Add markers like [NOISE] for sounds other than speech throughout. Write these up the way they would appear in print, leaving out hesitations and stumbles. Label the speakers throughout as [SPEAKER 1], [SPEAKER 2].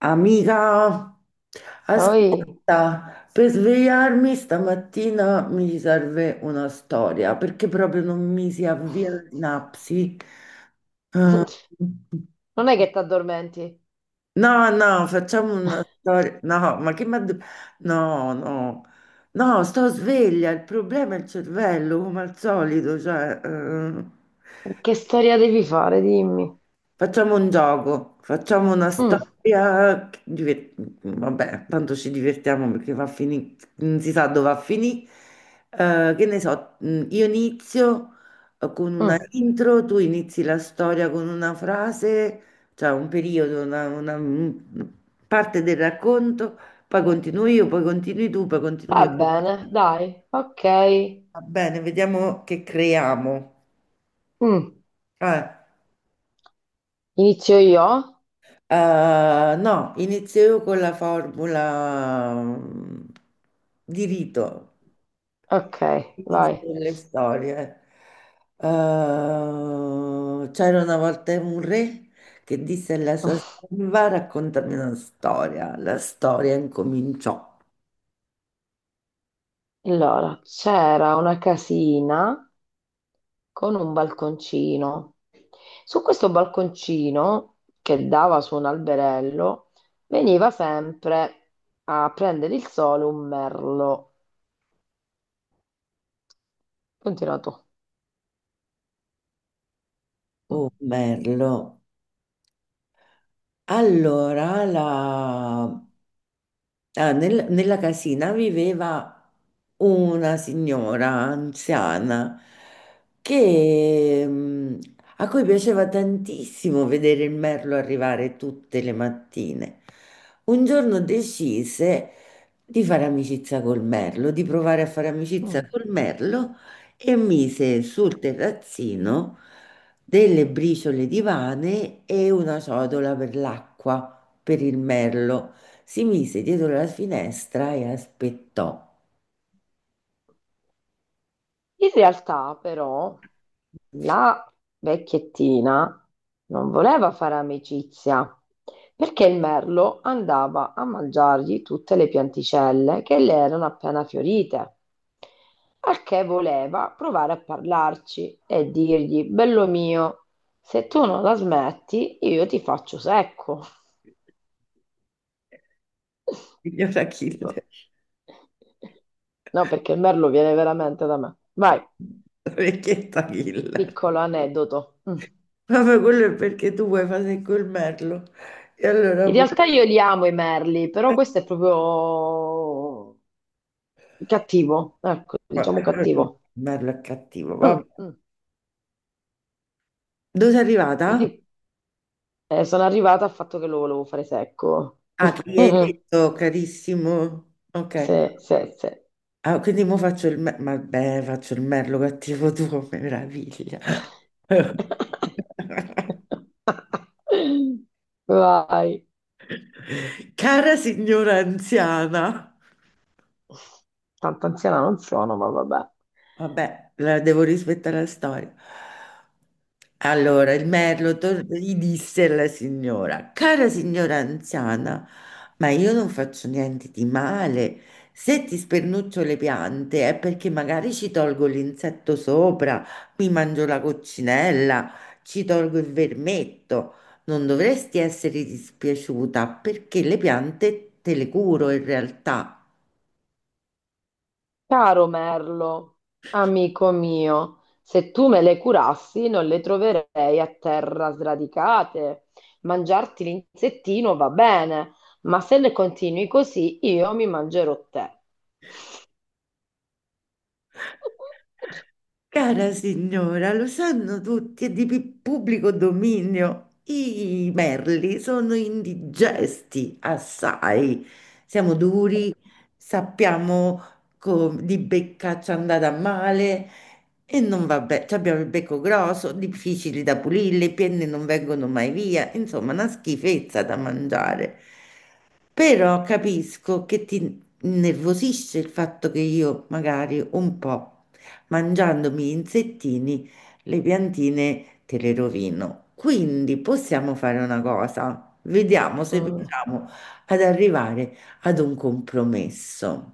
[SPEAKER 1] Amica,
[SPEAKER 2] Poi
[SPEAKER 1] ascolta, per svegliarmi stamattina mi serve una storia perché proprio non mi si avvia la
[SPEAKER 2] [LAUGHS]
[SPEAKER 1] sinapsi. Eh,
[SPEAKER 2] non è che ti addormenti.
[SPEAKER 1] no, no, facciamo una storia. No, ma che mi ha de- No, no, no, sto sveglia. Il problema è il cervello, come al solito, cioè.
[SPEAKER 2] Che storia devi fare, dimmi.
[SPEAKER 1] Facciamo un gioco, facciamo una
[SPEAKER 2] Mm,
[SPEAKER 1] storia, vabbè, tanto ci divertiamo perché non si sa dove va a finire. Che ne so, io inizio con una
[SPEAKER 2] mm.
[SPEAKER 1] intro, tu inizi la storia con una frase, cioè un periodo, parte del racconto, poi continuo io, poi continui tu, poi continuo
[SPEAKER 2] Va
[SPEAKER 1] io.
[SPEAKER 2] bene, dai, ok.
[SPEAKER 1] Va bene, vediamo che creiamo.
[SPEAKER 2] Mm.
[SPEAKER 1] Eh.
[SPEAKER 2] Inizio io?
[SPEAKER 1] No, inizio con la formula di rito,
[SPEAKER 2] Ok,
[SPEAKER 1] inizio
[SPEAKER 2] vai.
[SPEAKER 1] con le storie. C'era una volta un re che disse alla sua
[SPEAKER 2] [LAUGHS]
[SPEAKER 1] serva, raccontami una storia. La storia incominciò.
[SPEAKER 2] Allora, c'era una casina con un balconcino. Su questo balconcino, che dava su un alberello, veniva sempre a prendere il sole un merlo. Continua tu. Mm,
[SPEAKER 1] Oh, merlo. Allora, la- Nella casina viveva una signora anziana che, mm, a cui piaceva tantissimo vedere il merlo arrivare tutte le mattine. Un giorno decise di fare amicizia col merlo, di provare a fare amicizia
[SPEAKER 2] mm.
[SPEAKER 1] col merlo e mise sul terrazzino delle briciole di vane e una ciotola per l'acqua per il merlo. Si mise dietro la finestra e aspettò.
[SPEAKER 2] In realtà, però, la vecchiettina non voleva fare amicizia perché il merlo andava a mangiargli tutte le pianticelle che le erano appena fiorite, al che voleva provare a parlarci e dirgli: Bello mio, se tu non la smetti, io ti faccio secco.
[SPEAKER 1] Signor Achille,
[SPEAKER 2] [LAUGHS] No, perché il merlo viene veramente da me. Vai,
[SPEAKER 1] vecchietta Achille.
[SPEAKER 2] piccolo aneddoto. Mm.
[SPEAKER 1] Vabbè, quello è perché tu vuoi fare col merlo. E allora
[SPEAKER 2] In
[SPEAKER 1] pure...
[SPEAKER 2] realtà io li amo i merli, però
[SPEAKER 1] eh,
[SPEAKER 2] questo è proprio cattivo, ecco, diciamo
[SPEAKER 1] vabbè, il
[SPEAKER 2] cattivo.
[SPEAKER 1] merlo è cattivo, vabbè.
[SPEAKER 2] Mm, mm.
[SPEAKER 1] Dove sei arrivata?
[SPEAKER 2] Quindi sono arrivata al fatto che lo volevo fare secco. [LAUGHS]
[SPEAKER 1] Ah, che gli hai detto, carissimo. Ok.
[SPEAKER 2] Sì, sì, sì.
[SPEAKER 1] Ah, quindi mo faccio il merlo, vabbè, faccio il merlo cattivo tuo, [LAUGHS] meraviglia. [LAUGHS]
[SPEAKER 2] [LAUGHS] Vai.
[SPEAKER 1] Cara signora anziana,
[SPEAKER 2] Tanto anziana non sono, ma vabbè.
[SPEAKER 1] vabbè, la devo rispettare la storia. Allora, gli disse alla signora, cara signora anziana, ma io non faccio niente di male. Se ti spernuccio le piante è perché magari ci tolgo l'insetto sopra, mi mangio la coccinella, ci tolgo il vermetto. Non dovresti essere dispiaciuta perché le piante te le curo in realtà.
[SPEAKER 2] Caro Merlo, amico mio, se tu me le curassi non le troverei a terra sradicate. Mangiarti l'insettino va bene, ma se le continui così io mi mangerò te. [LAUGHS]
[SPEAKER 1] Cara signora, lo sanno tutti, è pubblico dominio. I merli sono indigesti assai. Siamo duri, sappiamo di beccaccia andata a male e non va bene. Abbiamo il becco grosso, difficili da pulire, le penne non vengono mai via. Insomma, una schifezza da mangiare. Però capisco che ti innervosisce il fatto che io magari un po' mangiandomi gli insettini, le piantine te le rovino. Quindi possiamo fare una cosa, vediamo se
[SPEAKER 2] Mm.
[SPEAKER 1] riusciamo ad arrivare ad un compromesso.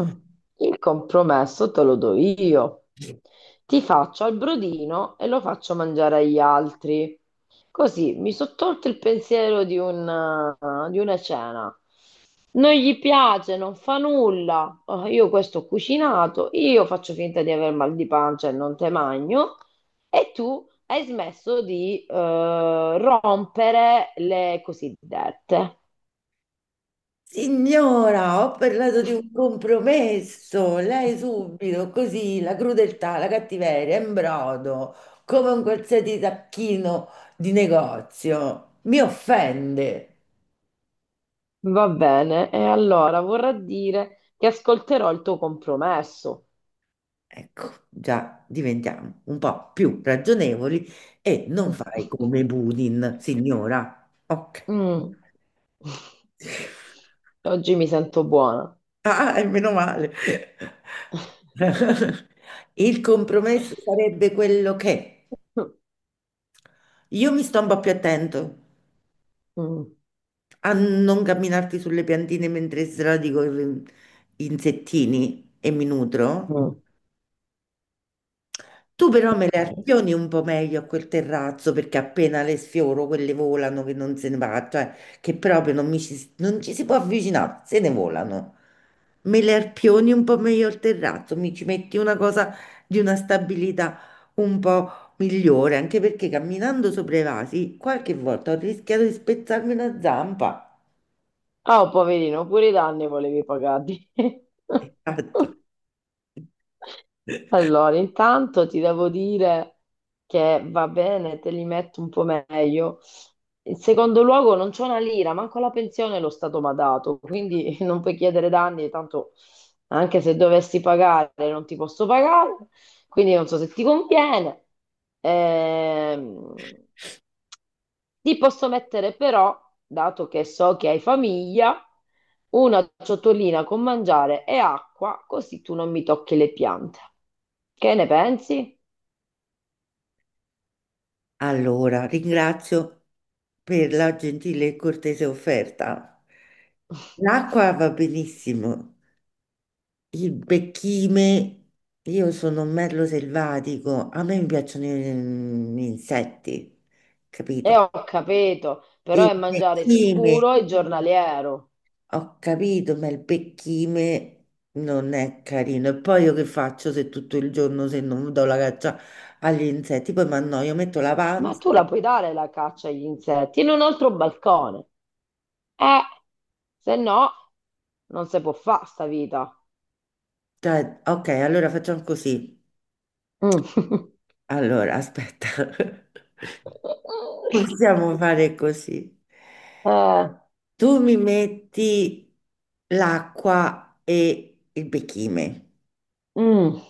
[SPEAKER 2] Mm. Il compromesso te lo do io. Ti faccio al brodino e lo faccio mangiare agli altri. Così mi sono tolto il pensiero di di una cena. Non gli piace, non fa nulla. Oh, io questo ho cucinato, io faccio finta di aver mal di pancia e non te magno. E tu hai smesso di rompere le cosiddette.
[SPEAKER 1] Signora, ho parlato di un compromesso. Lei subito, così, la crudeltà, la cattiveria, in brodo, come un qualsiasi tacchino di negozio, mi offende.
[SPEAKER 2] Va bene, e allora vorrà dire che ascolterò il tuo compromesso.
[SPEAKER 1] Ecco, già diventiamo un po' più ragionevoli e non fai come
[SPEAKER 2] [LAUGHS]
[SPEAKER 1] Putin, signora. Ok.
[SPEAKER 2] Mm.
[SPEAKER 1] [LAUGHS]
[SPEAKER 2] Oggi mi sento buona.
[SPEAKER 1] Ah, e meno male.
[SPEAKER 2] [LAUGHS]
[SPEAKER 1] [LAUGHS] Il compromesso sarebbe quello che io mi sto un po' più attento
[SPEAKER 2] Mm.
[SPEAKER 1] a non camminarti sulle piantine mentre insettini e mi nutro.
[SPEAKER 2] Mm.
[SPEAKER 1] Tu però me le
[SPEAKER 2] Ok.
[SPEAKER 1] arpioni un po' meglio a quel terrazzo perché appena le sfioro quelle volano che non se ne va, cioè che proprio non, mi ci, non ci si può avvicinare, se ne volano. Me le arpioni un po' meglio al terrazzo, mi ci metti una cosa di una stabilità un po' migliore, anche perché camminando sopra i vasi qualche volta ho rischiato di spezzarmi una zampa.
[SPEAKER 2] Ah, oh, poverino, pure i danni volevi pagarti. [LAUGHS]
[SPEAKER 1] [LAUGHS] Esatto.
[SPEAKER 2] Allora, intanto ti devo dire che va bene, te li metto un po' meglio. In secondo luogo, non c'ho una lira, manco la pensione lo Stato mi ha dato, quindi [LAUGHS] non puoi chiedere danni, tanto anche se dovessi pagare non ti posso pagare, quindi non so se ti conviene. Ehm, Ti posso mettere però, dato che so che hai famiglia, una ciotolina con mangiare e acqua, così tu non mi tocchi le piante. Che ne pensi?
[SPEAKER 1] Allora, ringrazio per la gentile e cortese offerta.
[SPEAKER 2] [LAUGHS]
[SPEAKER 1] L'acqua va benissimo, il becchime, io sono un merlo selvatico, a me mi piacciono gli insetti,
[SPEAKER 2] E
[SPEAKER 1] capito?
[SPEAKER 2] ho capito,
[SPEAKER 1] E
[SPEAKER 2] però
[SPEAKER 1] il
[SPEAKER 2] è mangiare
[SPEAKER 1] becchime,
[SPEAKER 2] sicuro e giornaliero.
[SPEAKER 1] ho capito, ma il becchime non è carino. E poi io che faccio se tutto il giorno se non do la caccia agli insetti? Poi mi annoio, metto la
[SPEAKER 2] Ma
[SPEAKER 1] panza.
[SPEAKER 2] tu la puoi dare la caccia agli insetti in un altro balcone. Eh, se no, non si può fare sta vita.
[SPEAKER 1] Cioè, ok, allora facciamo così.
[SPEAKER 2] Mm. [LAUGHS]
[SPEAKER 1] Allora, aspetta. [LAUGHS] Possiamo fare così.
[SPEAKER 2] Eh,
[SPEAKER 1] Tu mi metti l'acqua e il bechime.
[SPEAKER 2] mm.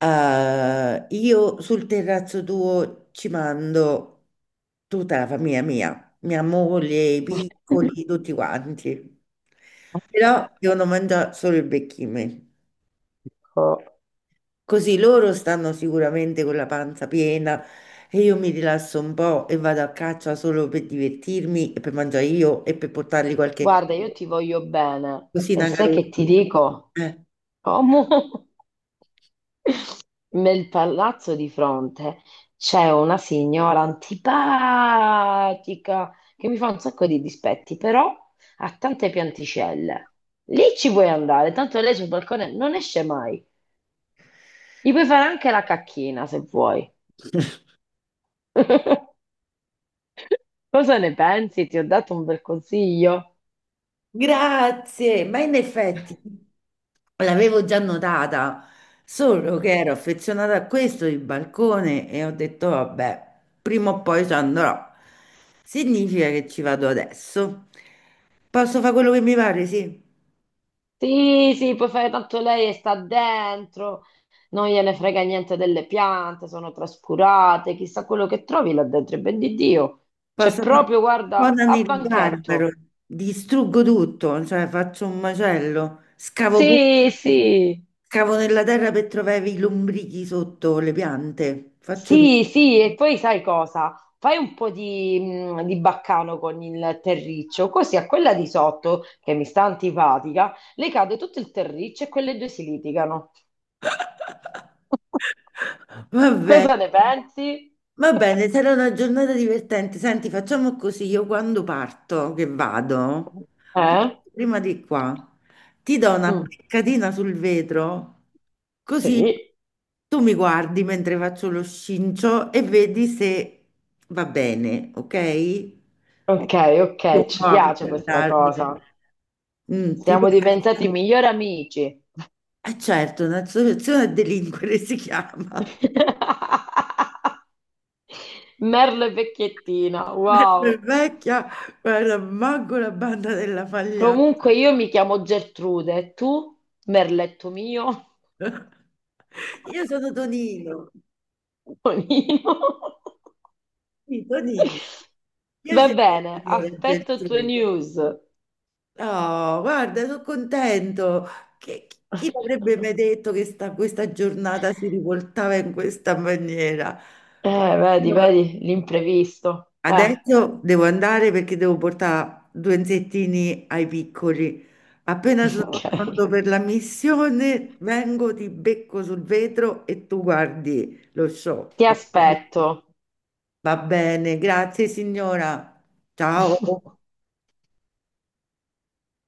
[SPEAKER 1] Io sul terrazzo tuo ci mando tutta la famiglia mia, mia moglie, i piccoli, tutti quanti. Però
[SPEAKER 2] [LAUGHS]
[SPEAKER 1] devono mangiare solo il bechime.
[SPEAKER 2] Dico,
[SPEAKER 1] Così loro stanno sicuramente con la panza piena e io mi rilasso un po' e vado a caccia solo per divertirmi e per mangiare io e per portargli qualche
[SPEAKER 2] guarda, io ti voglio bene e
[SPEAKER 1] cosina
[SPEAKER 2] sai
[SPEAKER 1] carota.
[SPEAKER 2] che ti dico?
[SPEAKER 1] Eh,
[SPEAKER 2] Come [LAUGHS] nel palazzo di fronte c'è una signora antipatica che mi fa un sacco di dispetti, però ha tante pianticelle. Lì ci puoi andare, tanto lei sul balcone non esce mai. Gli puoi fare anche la cacchina se vuoi. [LAUGHS] Cosa ne pensi? Ti ho dato un bel consiglio.
[SPEAKER 1] Grazie, ma in effetti l'avevo già notata, solo che ero affezionata a questo il balcone e ho detto vabbè, prima o poi ci andrò. Significa che ci vado adesso. Posso fare quello che mi pare, sì.
[SPEAKER 2] Sì, sì, puoi fare tanto lei e sta dentro, non gliene frega niente delle piante, sono trascurate, chissà quello che trovi là dentro, e ben di Dio, c'è
[SPEAKER 1] Posso fare
[SPEAKER 2] proprio, guarda,
[SPEAKER 1] cosa
[SPEAKER 2] a
[SPEAKER 1] nel garbero,
[SPEAKER 2] banchetto.
[SPEAKER 1] distruggo tutto, cioè faccio un macello,
[SPEAKER 2] Sì, sì,
[SPEAKER 1] scavo nella terra per trovare i lombrichi sotto le piante, faccio tutto.
[SPEAKER 2] sì, sì, e poi sai cosa? Fai un po' di baccano con il terriccio, così a quella di sotto, che mi sta antipatica, le cade tutto il terriccio e quelle due si litigano. [LAUGHS]
[SPEAKER 1] Va bene,
[SPEAKER 2] Cosa ne pensi?
[SPEAKER 1] va bene, sarà una giornata divertente. Senti, facciamo così, io quando parto, che vado,
[SPEAKER 2] Eh?
[SPEAKER 1] parto prima di qua, ti do una
[SPEAKER 2] Mm,
[SPEAKER 1] beccatina sul vetro, così
[SPEAKER 2] sì.
[SPEAKER 1] tu mi guardi mentre faccio lo scincio e vedi se va bene, ok? E
[SPEAKER 2] Ok,
[SPEAKER 1] tu
[SPEAKER 2] ok, ci
[SPEAKER 1] a
[SPEAKER 2] piace questa
[SPEAKER 1] guardarmi.
[SPEAKER 2] cosa.
[SPEAKER 1] Mm, ti
[SPEAKER 2] Siamo
[SPEAKER 1] piace?
[SPEAKER 2] diventati migliori amici.
[SPEAKER 1] Eh certo, un'associazione a delinquere si chiama.
[SPEAKER 2] [LAUGHS] Merlo e vecchiettina,
[SPEAKER 1] Nel
[SPEAKER 2] wow.
[SPEAKER 1] Vecchia, guarda, manco la banda della Fagliana.
[SPEAKER 2] Comunque io mi chiamo Gertrude, e tu? Merletto mio?
[SPEAKER 1] [LAUGHS] Io sono Tonino,
[SPEAKER 2] [LAUGHS] Tonino?
[SPEAKER 1] sì, Tonino.
[SPEAKER 2] Va
[SPEAKER 1] Piacere,
[SPEAKER 2] bene,
[SPEAKER 1] signore
[SPEAKER 2] aspetto tue
[SPEAKER 1] Geltrude.
[SPEAKER 2] news.
[SPEAKER 1] Oh, guarda, sono contento. Che, chi l'avrebbe mai
[SPEAKER 2] [LAUGHS]
[SPEAKER 1] detto che sta, questa giornata si rivoltava in questa maniera?
[SPEAKER 2] Eh, vedi, vedi, l'imprevisto.
[SPEAKER 1] Adesso devo andare perché devo portare due insettini ai piccoli. Appena
[SPEAKER 2] [LAUGHS]
[SPEAKER 1] sono
[SPEAKER 2] Ok.
[SPEAKER 1] pronto per la missione, vengo, ti becco sul vetro e tu guardi lo show.
[SPEAKER 2] Ti
[SPEAKER 1] Ok?
[SPEAKER 2] aspetto.
[SPEAKER 1] Va bene, grazie signora. Ciao.
[SPEAKER 2] [LAUGHS]